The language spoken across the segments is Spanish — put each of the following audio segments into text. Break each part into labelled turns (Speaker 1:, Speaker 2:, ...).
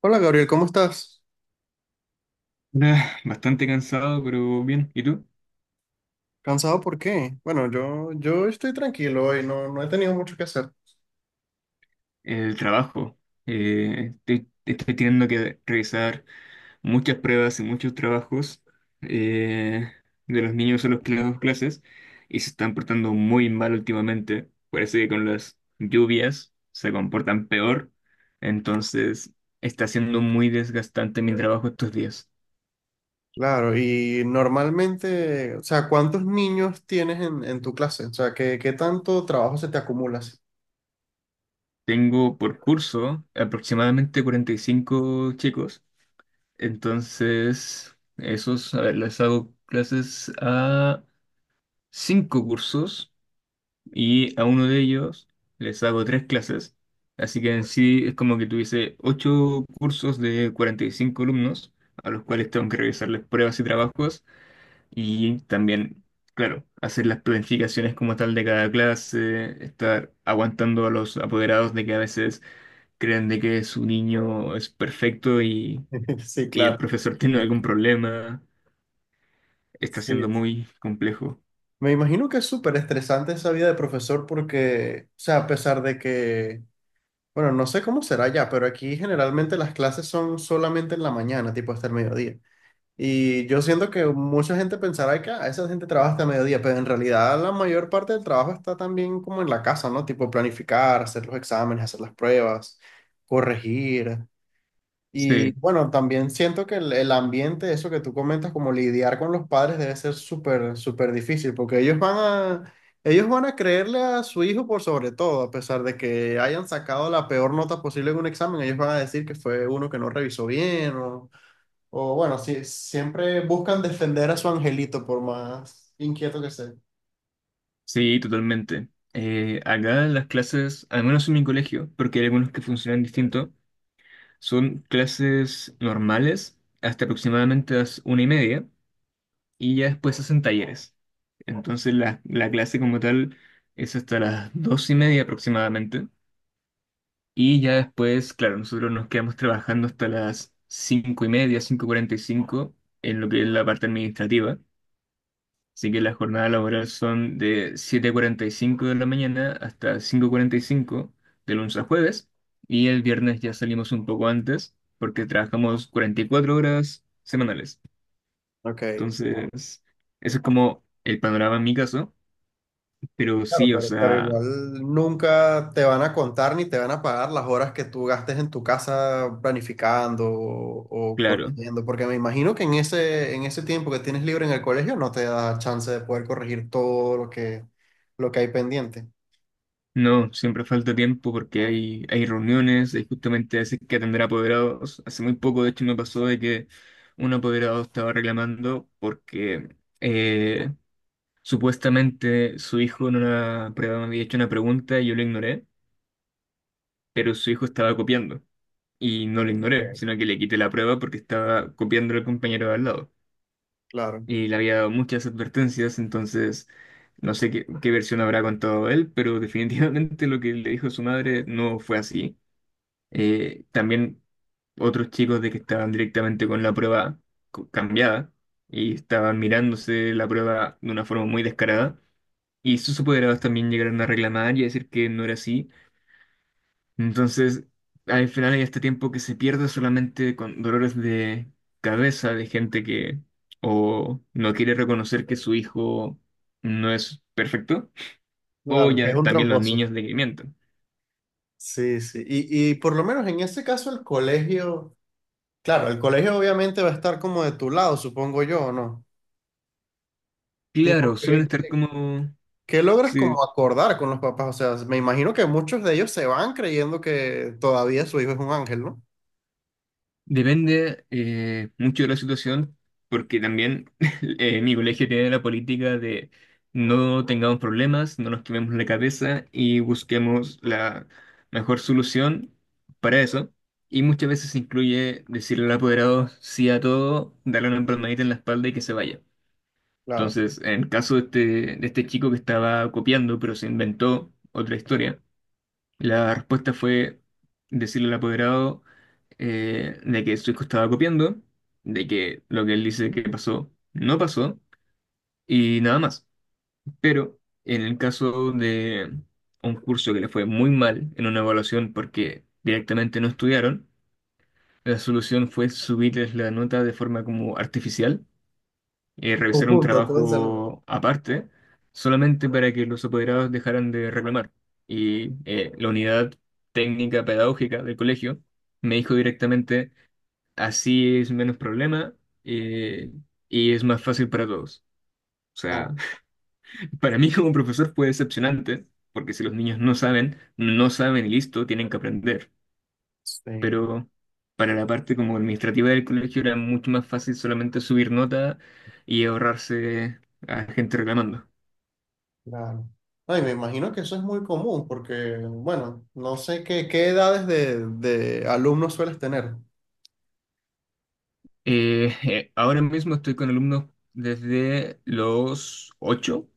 Speaker 1: Hola Gabriel, ¿cómo estás?
Speaker 2: Nah, bastante cansado, pero bien. ¿Y tú?
Speaker 1: ¿Cansado por qué? Bueno, yo estoy tranquilo hoy, no, no he tenido mucho que hacer.
Speaker 2: El trabajo. Estoy teniendo que revisar muchas pruebas y muchos trabajos eh, de los niños a los que les doy clases, y se están portando muy mal últimamente. Parece que con las lluvias se comportan peor. Entonces, está siendo muy desgastante mi trabajo estos días.
Speaker 1: Claro, y normalmente, o sea, ¿cuántos niños tienes en tu clase? O sea, ¿qué tanto trabajo se te acumula? ¿Así?
Speaker 2: Tengo por curso aproximadamente 45 chicos. Entonces, esos, a ver, les hago clases a cinco cursos, y a uno de ellos les hago tres clases. Así que en sí es como que tuviese ocho cursos de 45 alumnos, a los cuales tengo que revisarles pruebas y trabajos, y también, claro, hacer las planificaciones como tal de cada clase, estar aguantando a los apoderados de que a veces creen de que su niño es perfecto
Speaker 1: Sí,
Speaker 2: y el
Speaker 1: claro.
Speaker 2: profesor tiene algún problema, está
Speaker 1: Sí.
Speaker 2: siendo muy complejo.
Speaker 1: Me imagino que es súper estresante esa vida de profesor porque, o sea, a pesar de que, bueno, no sé cómo será ya, pero aquí generalmente las clases son solamente en la mañana, tipo hasta el mediodía. Y yo siento que mucha gente pensará que "Ah, esa gente trabaja hasta mediodía", pero en realidad la mayor parte del trabajo está también como en la casa, ¿no? Tipo planificar, hacer los exámenes, hacer las pruebas, corregir. Y
Speaker 2: Sí,
Speaker 1: bueno, también siento que el ambiente, eso que tú comentas, como lidiar con los padres debe ser súper, súper difícil, porque a, ellos van a creerle a su hijo por sobre todo, a pesar de que hayan sacado la peor nota posible en un examen, ellos van a decir que fue uno que no revisó bien o bueno, sí, siempre buscan defender a su angelito por más inquieto que sea.
Speaker 2: sí, totalmente. Acá las clases, al menos en mi colegio, porque hay algunos que funcionan distinto, son clases normales hasta aproximadamente las una y media, y ya después hacen talleres. Entonces la clase como tal es hasta las dos y media aproximadamente, y ya después, claro, nosotros nos quedamos trabajando hasta las cinco y media, cinco cuarenta y cinco, en lo que es la parte administrativa. Así que las jornadas laborales son de siete cuarenta y cinco de la mañana hasta cinco cuarenta y cinco, de lunes a jueves. Y el viernes ya salimos un poco antes porque trabajamos 44 horas semanales.
Speaker 1: Ok.
Speaker 2: Entonces, eso es como el panorama en mi caso. Pero
Speaker 1: Claro,
Speaker 2: sí, o
Speaker 1: pero
Speaker 2: sea,
Speaker 1: igual nunca te van a contar ni te van a pagar las horas que tú gastes en tu casa planificando o
Speaker 2: claro,
Speaker 1: corrigiendo, porque me imagino que en ese tiempo que tienes libre en el colegio no te da chance de poder corregir todo lo lo que hay pendiente.
Speaker 2: no, siempre falta tiempo porque hay reuniones, hay justamente a veces que atender a apoderados. Hace muy poco, de hecho, me pasó de que un apoderado estaba reclamando porque supuestamente su hijo en una prueba me había hecho una pregunta y yo lo ignoré, pero su hijo estaba copiando. Y no lo ignoré,
Speaker 1: Ok,
Speaker 2: sino que le quité la prueba porque estaba copiando al compañero de al lado.
Speaker 1: claro.
Speaker 2: Y le había dado muchas advertencias, entonces no sé qué, qué versión habrá contado él, pero definitivamente lo que le dijo su madre no fue así. También otros chicos de que estaban directamente con la prueba cambiada, y estaban mirándose la prueba de una forma muy descarada. Y sus superados también llegaron a reclamar y a decir que no era así. Entonces, al final hay este tiempo que se pierde solamente con dolores de cabeza de gente que o no quiere reconocer que su hijo no es perfecto, o
Speaker 1: Claro, que es
Speaker 2: ya
Speaker 1: un
Speaker 2: también los
Speaker 1: tramposo.
Speaker 2: niños de que mienten.
Speaker 1: Sí, sí. Y por lo menos en ese caso el colegio... Claro, el colegio obviamente va a estar como de tu lado, supongo yo, ¿o no? Tipo,
Speaker 2: Claro, suelen estar como
Speaker 1: qué logras
Speaker 2: sí,
Speaker 1: como acordar con los papás? O sea, me imagino que muchos de ellos se van creyendo que todavía su hijo es un ángel, ¿no?
Speaker 2: depende mucho de la situación, porque también mi colegio tiene la política de no tengamos problemas, no nos quememos la cabeza y busquemos la mejor solución para eso. Y muchas veces incluye decirle al apoderado sí a todo, darle una palmadita en la espalda y que se vaya.
Speaker 1: Claro.
Speaker 2: Entonces, en el caso de este chico que estaba copiando, pero se inventó otra historia. La respuesta fue decirle al apoderado de que su hijo estaba copiando, de que lo que él dice que pasó no pasó y nada más. Pero en el caso de un curso que le fue muy mal en una evaluación porque directamente no estudiaron, la solución fue subirles la nota de forma como artificial, revisar un
Speaker 1: Conjunta todo el salón.
Speaker 2: trabajo aparte, solamente para que los apoderados dejaran de reclamar. Y la unidad técnica pedagógica del colegio me dijo directamente, así es menos problema, eh, y es más fácil para todos. O
Speaker 1: Ah,
Speaker 2: sea, para mí como profesor fue decepcionante, porque si los niños no saben, no saben y listo, tienen que aprender.
Speaker 1: sí,
Speaker 2: Pero para la parte como administrativa del colegio era mucho más fácil solamente subir nota y ahorrarse a gente reclamando.
Speaker 1: claro. Ay, me imagino que eso es muy común porque, bueno, no sé qué edades de alumnos sueles tener.
Speaker 2: Ahora mismo estoy con alumnos desde los 8,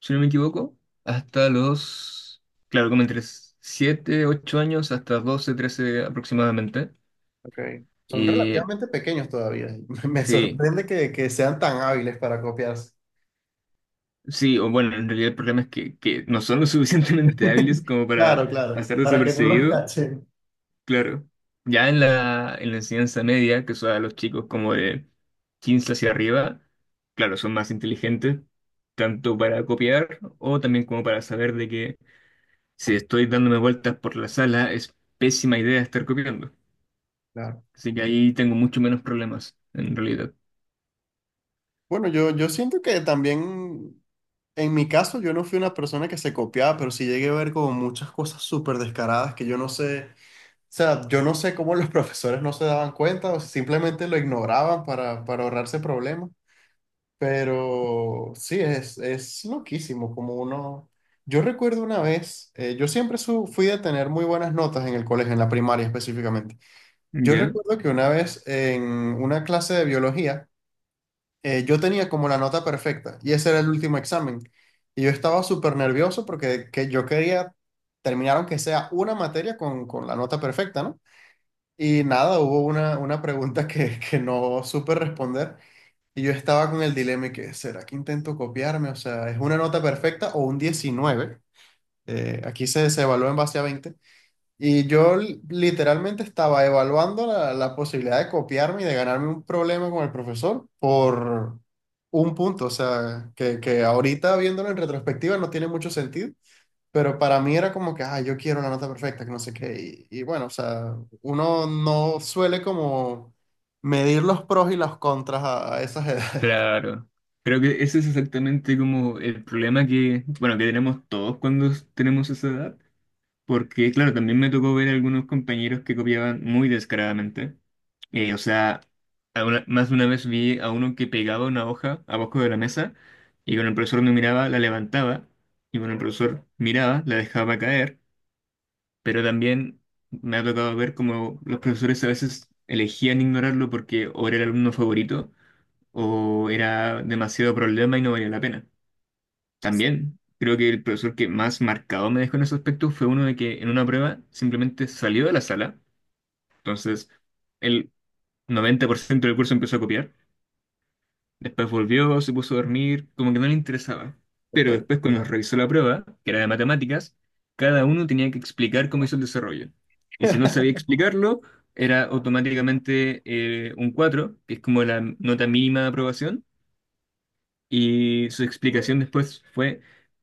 Speaker 2: si no me equivoco, hasta los, claro, como entre 7, 8 años, hasta 12, 13 aproximadamente.
Speaker 1: Ok. Son
Speaker 2: Eh,
Speaker 1: relativamente pequeños todavía. Me
Speaker 2: sí,
Speaker 1: sorprende que sean tan hábiles para copiarse.
Speaker 2: sí, o bueno, en realidad el problema es que no son lo suficientemente hábiles como para
Speaker 1: Claro, claro,
Speaker 2: pasar
Speaker 1: para que no los
Speaker 2: desapercibido.
Speaker 1: cachen.
Speaker 2: Claro. Ya en la enseñanza media, que son a los chicos como de 15 hacia arriba, claro, son más inteligentes, tanto para copiar o también como para saber de que si estoy dándome vueltas por la sala es pésima idea estar copiando.
Speaker 1: Claro.
Speaker 2: Así que ahí tengo mucho menos problemas, en realidad.
Speaker 1: Bueno, yo siento que también, en mi caso, yo no fui una persona que se copiaba, pero sí llegué a ver como muchas cosas súper descaradas que yo no sé, o sea, yo no sé cómo los profesores no se daban cuenta o simplemente lo ignoraban para ahorrarse problemas, pero sí, es loquísimo como uno... Yo recuerdo una vez, yo siempre fui de tener muy buenas notas en el colegio, en la primaria específicamente. Yo
Speaker 2: ¿Ya?
Speaker 1: recuerdo que una vez en una clase de biología, yo tenía como la nota perfecta y ese era el último examen. Y yo estaba súper nervioso porque que yo quería terminar aunque sea una materia con la nota perfecta, ¿no? Y nada, hubo una pregunta que no supe responder y yo estaba con el dilema y que, ¿será que intento copiarme? O sea, ¿es una nota perfecta o un 19? Aquí se evalúa en base a 20. Y yo literalmente estaba evaluando la posibilidad de copiarme y de ganarme un problema con el profesor por un punto, o sea, que ahorita viéndolo en retrospectiva no tiene mucho sentido, pero para mí era como que, ah, yo quiero una nota perfecta, que no sé qué, y bueno, o sea, uno no suele como medir los pros y los contras a esas edades.
Speaker 2: Claro. Creo que ese es exactamente como el problema que, bueno, que tenemos todos cuando tenemos esa edad. Porque, claro, también me tocó ver algunos compañeros que copiaban muy descaradamente. O sea, más de una vez vi a uno que pegaba una hoja abajo de la mesa y cuando el profesor no miraba, la levantaba, y cuando el profesor miraba, la dejaba caer. Pero también me ha tocado ver cómo los profesores a veces elegían ignorarlo porque o era el alumno favorito o era demasiado problema y no valía la pena. También creo que el profesor que más marcado me dejó en ese aspecto fue uno de que en una prueba simplemente salió de la sala. Entonces, el 90% del curso empezó a copiar. Después volvió, se puso a dormir, como que no le interesaba. Pero
Speaker 1: Ok.
Speaker 2: después, cuando nos revisó la prueba, que era de matemáticas, cada uno tenía que explicar cómo hizo el desarrollo. Y si no sabía explicarlo, era automáticamente un cuatro, que es como la nota mínima de aprobación. Y su explicación después fue,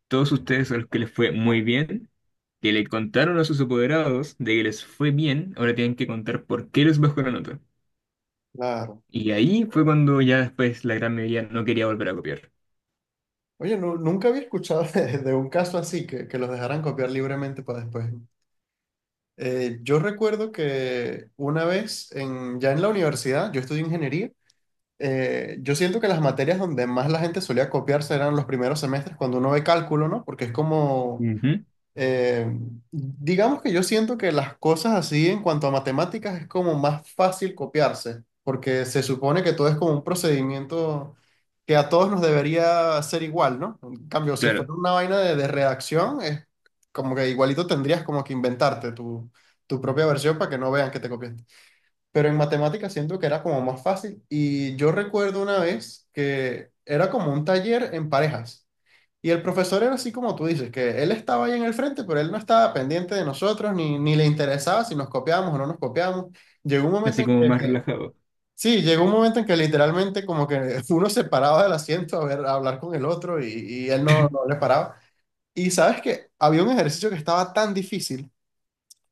Speaker 2: todos ustedes a los que les fue muy bien, que le contaron a sus apoderados de que les fue bien, ahora tienen que contar por qué les bajó la nota.
Speaker 1: Claro.
Speaker 2: Y ahí fue cuando ya después la gran mayoría no quería volver a copiar.
Speaker 1: Oye, nunca había escuchado de un caso así, que los dejaran copiar libremente para después. Yo recuerdo que una vez, ya en la universidad, yo estudié ingeniería, yo siento que las materias donde más la gente solía copiarse eran los primeros semestres, cuando uno ve cálculo, ¿no? Porque es como
Speaker 2: Ujú.
Speaker 1: eh, digamos que yo siento que las cosas así en cuanto a matemáticas es como más fácil copiarse, porque se supone que todo es como un procedimiento que a todos nos debería ser igual, ¿no? En cambio, si
Speaker 2: Claro,
Speaker 1: fuera una vaina de redacción, es como que igualito tendrías como que inventarte tu propia versión para que no vean que te copiaste. Pero en matemáticas siento que era como más fácil y yo recuerdo una vez que era como un taller en parejas. Y el profesor era así como tú dices, que él estaba ahí en el frente, pero él no estaba pendiente de nosotros, ni le interesaba si nos copiábamos o no nos copiábamos. Llegó un momento
Speaker 2: así
Speaker 1: en
Speaker 2: como
Speaker 1: que,
Speaker 2: más relajado.
Speaker 1: sí, llegó un momento en que literalmente como que uno se paraba del asiento a ver, a hablar con el otro y él no, no le paraba. Y sabes que había un ejercicio que estaba tan difícil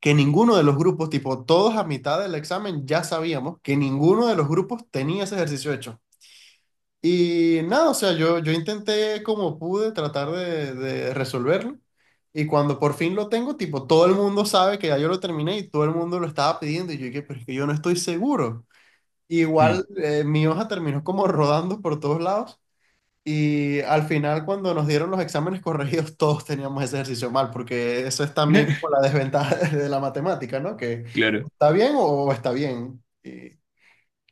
Speaker 1: que ninguno de los grupos, tipo todos a mitad del examen ya sabíamos que ninguno de los grupos tenía ese ejercicio hecho. Y nada, o sea, yo intenté como pude tratar de resolverlo. Y cuando por fin lo tengo, tipo, todo el mundo sabe que ya yo lo terminé y todo el mundo lo estaba pidiendo. Y yo dije, pero es que yo no estoy seguro.
Speaker 2: Mm.
Speaker 1: Igual mi hoja terminó como rodando por todos lados. Y al final, cuando nos dieron los exámenes corregidos, todos teníamos ese ejercicio mal, porque eso es también como la desventaja de la matemática, ¿no? Que
Speaker 2: Claro,
Speaker 1: está bien o está bien.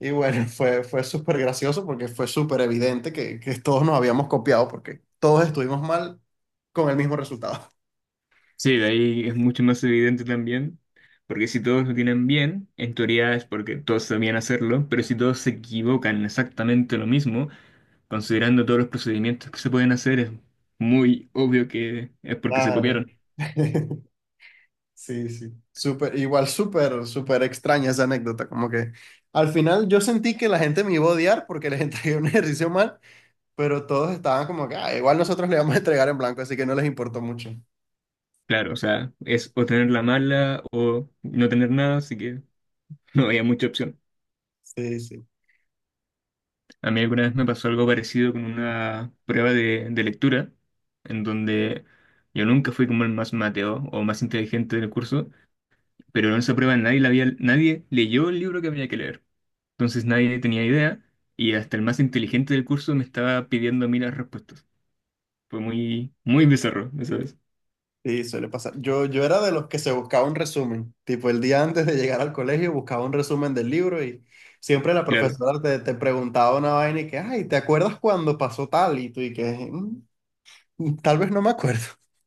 Speaker 1: Y bueno, fue súper gracioso porque fue súper evidente que todos nos habíamos copiado porque todos estuvimos mal con el mismo resultado.
Speaker 2: sí, de ahí es mucho más evidente también, porque si todos lo tienen bien, en teoría es porque todos sabían hacerlo, pero si todos se equivocan exactamente lo mismo, considerando todos los procedimientos que se pueden hacer, es muy obvio que es porque se
Speaker 1: Claro.
Speaker 2: copiaron.
Speaker 1: Sí, sí. Súper, igual súper, súper extraña esa anécdota. Como que al final yo sentí que la gente me iba a odiar porque les entregué un ejercicio mal, pero todos estaban como que "Ah, igual nosotros le vamos a entregar en blanco", así que no les importó mucho.
Speaker 2: Claro, o sea, es o tener la mala o no tener nada, así que no había mucha opción.
Speaker 1: Sí, sí.
Speaker 2: A mí alguna vez me pasó algo parecido con una prueba de lectura, en donde yo nunca fui como el más mateo o más inteligente del curso, pero en esa prueba nadie, la había, nadie leyó el libro que había que leer. Entonces nadie tenía idea, y hasta el más inteligente del curso me estaba pidiendo a mí las respuestas. Fue muy bizarro, ¿sabes?
Speaker 1: Sí, suele pasar. Yo era de los que se buscaba un resumen. Tipo, el día antes de llegar al colegio buscaba un resumen del libro y siempre la
Speaker 2: Claro,
Speaker 1: profesora te preguntaba una vaina y que, ay, ¿te acuerdas cuando pasó tal? Y tú y que, "Mm, mm, tal vez no me acuerdo".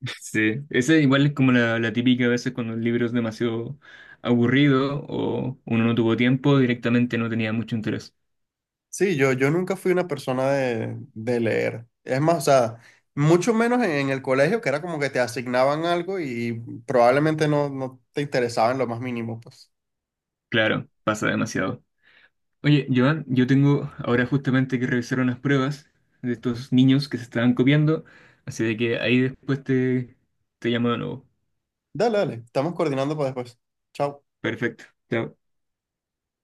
Speaker 2: sí. Esa igual es como la típica a veces cuando el libro es demasiado aburrido o uno no tuvo tiempo, directamente no tenía mucho interés.
Speaker 1: Sí, yo nunca fui una persona de leer. Es más, o sea, mucho menos en el colegio, que era como que te asignaban algo y probablemente no, no te interesaba en lo más mínimo, pues.
Speaker 2: Claro, pasa demasiado. Oye, Joan, yo tengo ahora justamente que revisar unas pruebas de estos niños que se estaban copiando, así de que ahí después te llamo de nuevo.
Speaker 1: Dale, dale, estamos coordinando para después. Chao.
Speaker 2: Perfecto. Chao.